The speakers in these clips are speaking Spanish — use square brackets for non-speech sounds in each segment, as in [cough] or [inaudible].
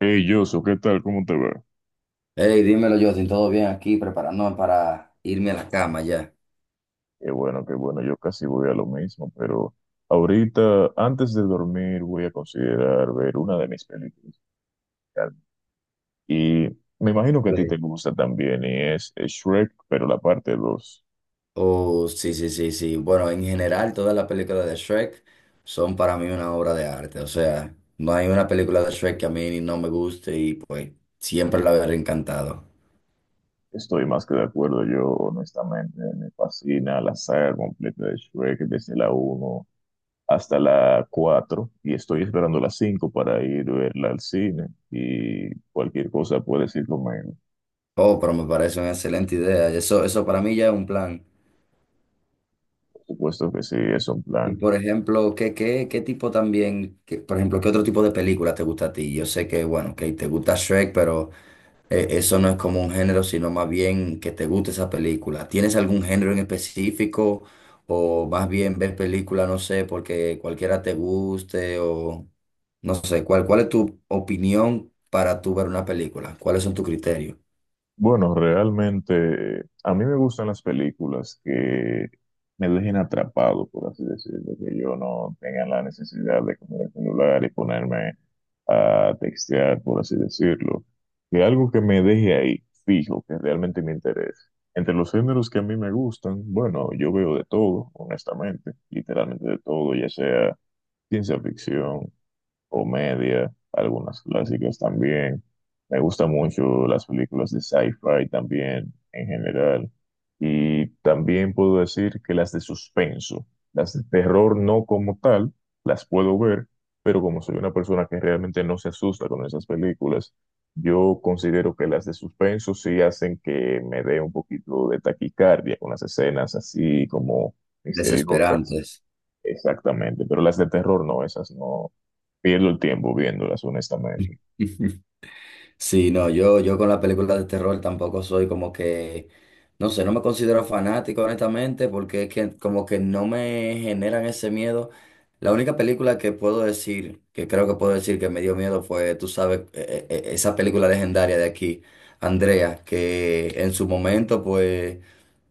Hey, Yoso, ¿qué tal? ¿Cómo te va? Hey, dímelo, Justin, ¿todo bien aquí? Preparándome para irme a la cama ya. Qué bueno, yo casi voy a lo mismo, pero ahorita, antes de dormir, voy a considerar ver una de mis películas. Y me imagino que a ti te Sí. gusta también, y es Shrek, pero la parte dos. Oh, sí, sí, sí, sí. Bueno, en general, todas las películas de Shrek son para mí una obra de arte. O sea, no hay una película de Shrek que a mí no me guste y pues siempre la veré encantado. Estoy más que de acuerdo, yo honestamente me fascina la saga completa de Shrek, desde la uno hasta la cuatro, y estoy esperando la 5 para ir a verla al cine, y cualquier cosa puedes ir conmigo. Oh, pero me parece una excelente idea. Eso para mí ya es un plan. Por supuesto que sí, es un Y plan. por ejemplo, ¿qué tipo también, por ejemplo, ¿qué otro tipo de película te gusta a ti? Yo sé que, bueno, que te gusta Shrek, pero... Eso no es como un género, sino más bien que te guste esa película. ¿Tienes algún género en específico o más bien ver película, no sé, porque cualquiera te guste o no sé, cuál es tu opinión para tú ver una película? ¿Cuáles son tus criterios? Bueno, realmente a mí me gustan las películas que me dejen atrapado, por así decirlo, que yo no tenga la necesidad de comer el celular y ponerme a textear, por así decirlo, que algo que me deje ahí fijo, que realmente me interese. Entre los géneros que a mí me gustan, bueno, yo veo de todo, honestamente, literalmente de todo, ya sea ciencia ficción, comedia, algunas clásicas también. Me gustan mucho las películas de sci-fi también en general. Y también puedo decir que las de suspenso, las de terror no como tal, las puedo ver, pero como soy una persona que realmente no se asusta con esas películas, yo considero que las de suspenso sí hacen que me dé un poquito de taquicardia con las escenas así como misteriosas. Desesperantes. Exactamente, pero las de terror no, esas no pierdo el tiempo viéndolas, honestamente. [laughs] Sí, no, yo con las películas de terror tampoco soy como que, no sé, no me considero fanático honestamente porque es que como que no me generan ese miedo. La única película que puedo decir, que creo que puedo decir que me dio miedo fue, tú sabes, esa película legendaria de aquí, Andrea, que en su momento pues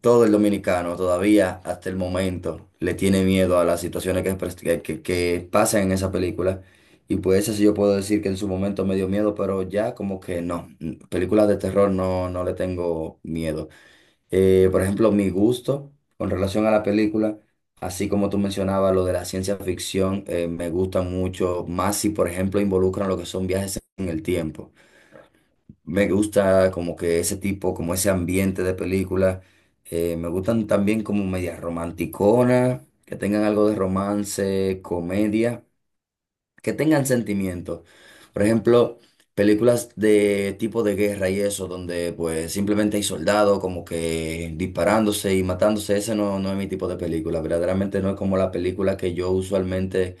todo el dominicano todavía hasta el momento le tiene miedo a las situaciones que, que pasan en esa película. Y pues eso sí yo puedo decir que en su momento me dio miedo, pero ya como que no. Películas de terror no, no le tengo miedo. Por ejemplo, mi gusto con relación a la película, así como tú mencionabas lo de la ciencia ficción, me gusta mucho más si, por ejemplo, involucran lo que son viajes en el tiempo. Me gusta como que ese tipo, como ese ambiente de película. Me gustan también como medias romanticonas, que tengan algo de romance, comedia, que tengan sentimientos. Por ejemplo, películas de tipo de guerra y eso, donde pues simplemente hay soldados como que disparándose y matándose. Ese no, no es mi tipo de película. Verdaderamente no es como la película que yo usualmente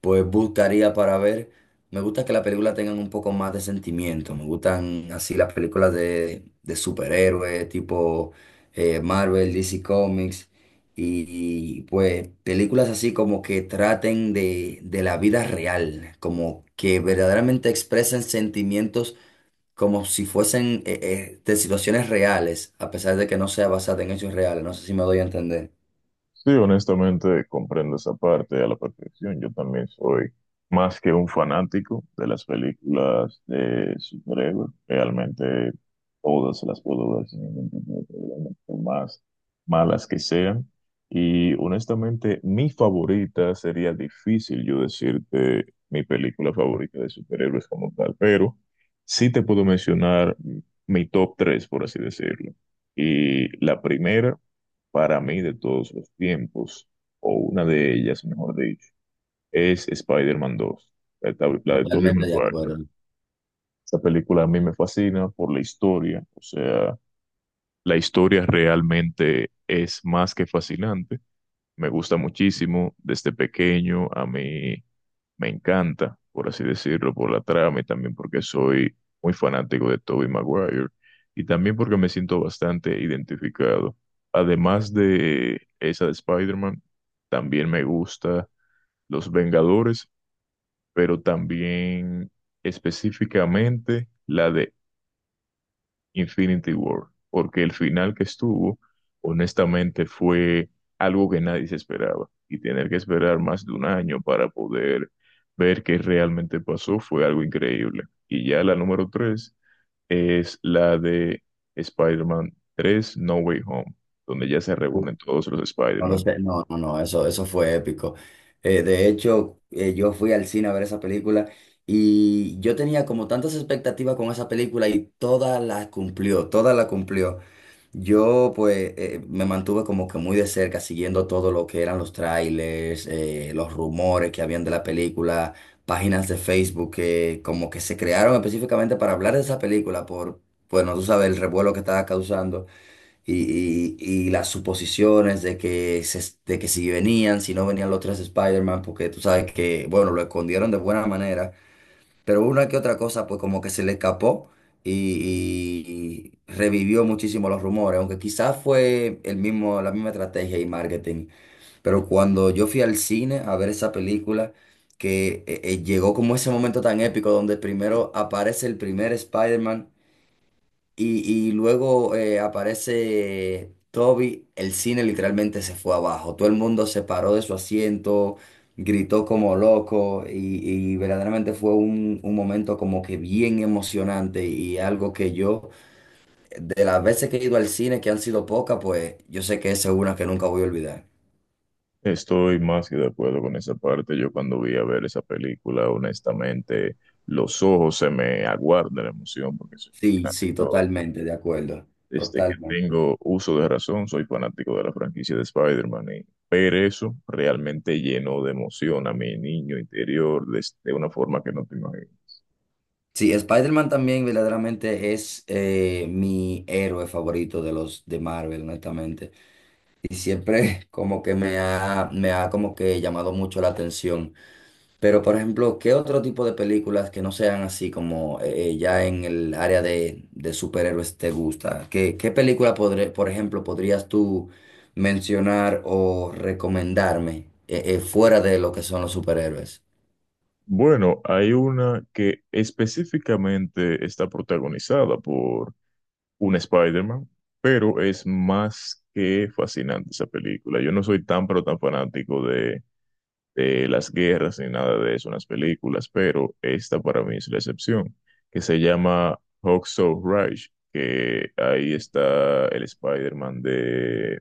pues buscaría para ver. Me gusta que las películas tengan un poco más de sentimiento. Me gustan así las películas de superhéroes, tipo Marvel, DC Comics. Y, y, pues películas así como que traten de la vida real, como que verdaderamente expresen sentimientos, como si fuesen de situaciones reales, a pesar de que no sea basada en hechos reales. No sé si me doy a entender. Sí, honestamente comprendo esa parte a la perfección. Yo también soy más que un fanático de las películas de superhéroes. Realmente todas las puedo ver sin ningún tipo de problema, por más malas que sean. Y honestamente, mi favorita sería difícil yo decirte mi película favorita de superhéroes como tal, pero sí te puedo mencionar mi top 3, por así decirlo. Y la primera para mí de todos los tiempos, o una de ellas, mejor dicho, es Spider-Man 2, la de, la de Tobey Totalmente de Maguire. acuerdo. Esa película a mí me fascina por la historia, o sea, la historia realmente es más que fascinante, me gusta muchísimo desde pequeño, a mí me encanta, por así decirlo, por la trama y también porque soy muy fanático de Tobey Maguire y también porque me siento bastante identificado. Además de esa de Spider-Man, también me gusta Los Vengadores, pero también específicamente la de Infinity War, porque el final que estuvo, honestamente, fue algo que nadie se esperaba. Y tener que esperar más de un año para poder ver qué realmente pasó fue algo increíble. Y ya la número tres es la de Spider-Man 3 No Way Home, donde ya se reúnen todos los No lo Spider-Man. sé, no, eso, eso fue épico. De hecho, yo fui al cine a ver esa película y yo tenía como tantas expectativas con esa película y toda la cumplió, toda la cumplió. Yo pues me mantuve como que muy de cerca siguiendo todo lo que eran los trailers, los rumores que habían de la película, páginas de Facebook que como que se crearon específicamente para hablar de esa película por, bueno, tú sabes, el revuelo que estaba causando y las suposiciones de que, de que si venían, si no venían los tres Spider-Man, porque tú sabes que, bueno, lo escondieron de buena manera, pero una que otra cosa, pues como que se le escapó y, y revivió muchísimo los rumores, aunque quizás fue el mismo, la misma estrategia y marketing, pero cuando yo fui al cine a ver esa película, que llegó como ese momento tan épico donde primero aparece el primer Spider-Man y luego aparece Toby, el cine literalmente se fue abajo, todo el mundo se paró de su asiento, gritó como loco y verdaderamente fue un momento como que bien emocionante y algo que yo, de las veces que he ido al cine, que han sido pocas, pues yo sé que esa es una que nunca voy a olvidar. Estoy más que de acuerdo con esa parte. Yo cuando vi a ver esa película, honestamente, los ojos se me aguardan la emoción porque soy Sí, sí, fanático. totalmente, de acuerdo, Desde que totalmente. tengo uso de razón, soy fanático de la franquicia de Spider-Man y ver eso realmente llenó de emoción a mi niño interior de una forma que no te imaginas. Sí, Spider-Man también verdaderamente es mi héroe favorito de los de Marvel, honestamente. Y siempre [laughs] como que me ha como que llamado mucho la atención. Pero, por ejemplo, ¿qué otro tipo de películas que no sean así como ya en el área de superhéroes te gusta? ¿Qué, qué película, por ejemplo, podrías tú mencionar o recomendarme fuera de lo que son los superhéroes? Bueno, hay una que específicamente está protagonizada por un Spider-Man, pero es más que fascinante esa película. Yo no soy tan, pero tan fanático de las guerras ni nada de eso en las películas, pero esta para mí es la excepción, que se llama Hacksaw Ridge, que ahí está el Spider-Man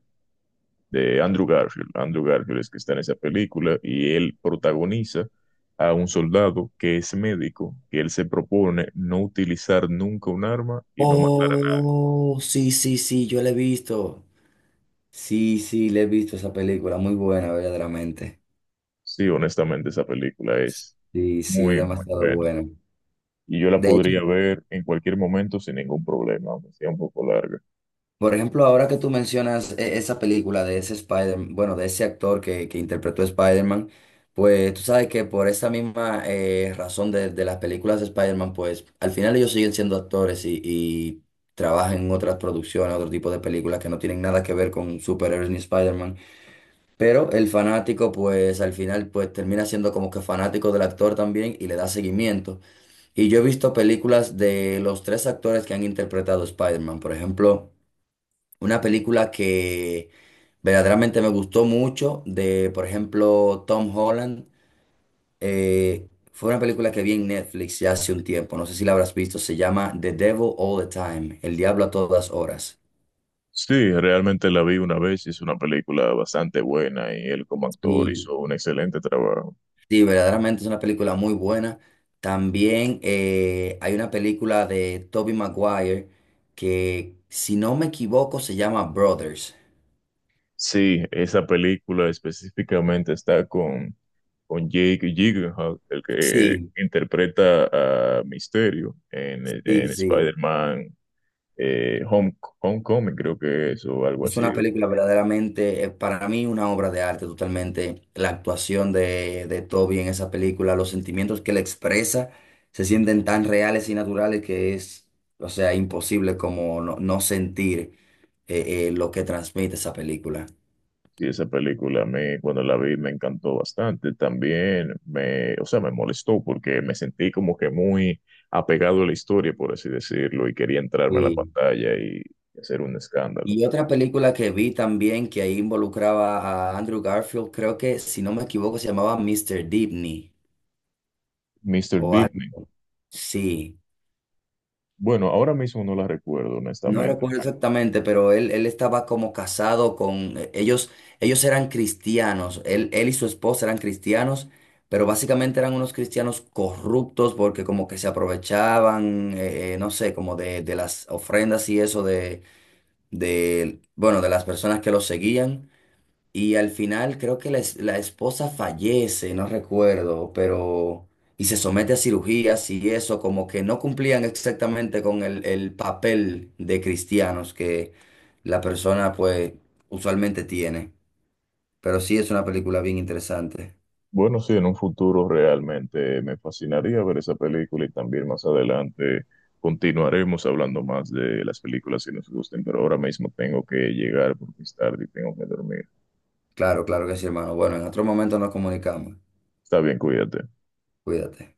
de Andrew Garfield. Andrew Garfield es que está en esa película y él protagoniza a un soldado que es médico, que él se propone no utilizar nunca un arma y no matar a nadie. Oh, sí, sí, sí, yo la he visto. Sí, sí, le he visto esa película, muy buena, verdaderamente. Sí, honestamente esa película es Sí, sí, es muy, muy demasiado buena. buena. Y yo la podría ver en cualquier momento sin ningún problema, aunque sea un poco larga. Por ejemplo, ahora que tú mencionas esa película de ese Spider, bueno, de ese actor que interpretó a Spider-Man, pues tú sabes que por esa misma razón de las películas de Spider-Man, pues al final ellos siguen siendo actores y trabajan en otras producciones, otro tipo de películas que no tienen nada que ver con superhéroes ni Spider-Man. Pero el fanático, pues al final, pues termina siendo como que fanático del actor también y le da seguimiento. Y yo he visto películas de los tres actores que han interpretado a Spider-Man, por ejemplo. Una película que verdaderamente me gustó mucho, de por ejemplo Tom Holland, fue una película que vi en Netflix ya hace un tiempo, no sé si la habrás visto, se llama The Devil All the Time, El Diablo a todas horas. Sí, realmente la vi una vez y es una película bastante buena y él como actor Y hizo un excelente trabajo. sí, verdaderamente es una película muy buena. También hay una película de Tobey Maguire que, si no me equivoco, se llama Brothers. Sí, esa película específicamente está con Jake Gyllenhaal, el que Sí, interpreta a Misterio sí, en sí. Spider-Man Home, Homecoming, creo que es, o algo Es así. una película verdaderamente, para mí, una obra de arte totalmente. La actuación de Toby en esa película, los sentimientos que él expresa, se sienten tan reales y naturales que es, o sea, imposible como no, no sentir lo que transmite esa película. Sí, esa película a mí cuando la vi me encantó bastante. También me, o sea, me molestó porque me sentí como que muy apegado a la historia, por así decirlo, y quería entrarme a la Y, pantalla y hacer un escándalo. y otra película que vi también que ahí involucraba a Andrew Garfield, creo que, si no me equivoco, se llamaba Mr. Dibny Mr. o algo. Deepney. Sí. Bueno, ahora mismo no la recuerdo, No honestamente. recuerdo exactamente, pero él estaba como casado con ellos, ellos eran cristianos, él y su esposa eran cristianos, pero básicamente eran unos cristianos corruptos porque como que se aprovechaban, no sé, como de las ofrendas y eso de, bueno, de las personas que los seguían. Y al final creo que la, la esposa fallece, no recuerdo, pero... Y se somete a cirugías y eso, como que no cumplían exactamente con el papel de cristianos que la persona pues usualmente tiene. Pero sí es una película bien interesante. Bueno, sí, en un futuro realmente me fascinaría ver esa película y también más adelante continuaremos hablando más de las películas que nos gusten, pero ahora mismo tengo que llegar porque es tarde y tengo que dormir. Claro, claro que sí, hermano. Bueno, en otro momento nos comunicamos. Está bien, cuídate. Cuídate.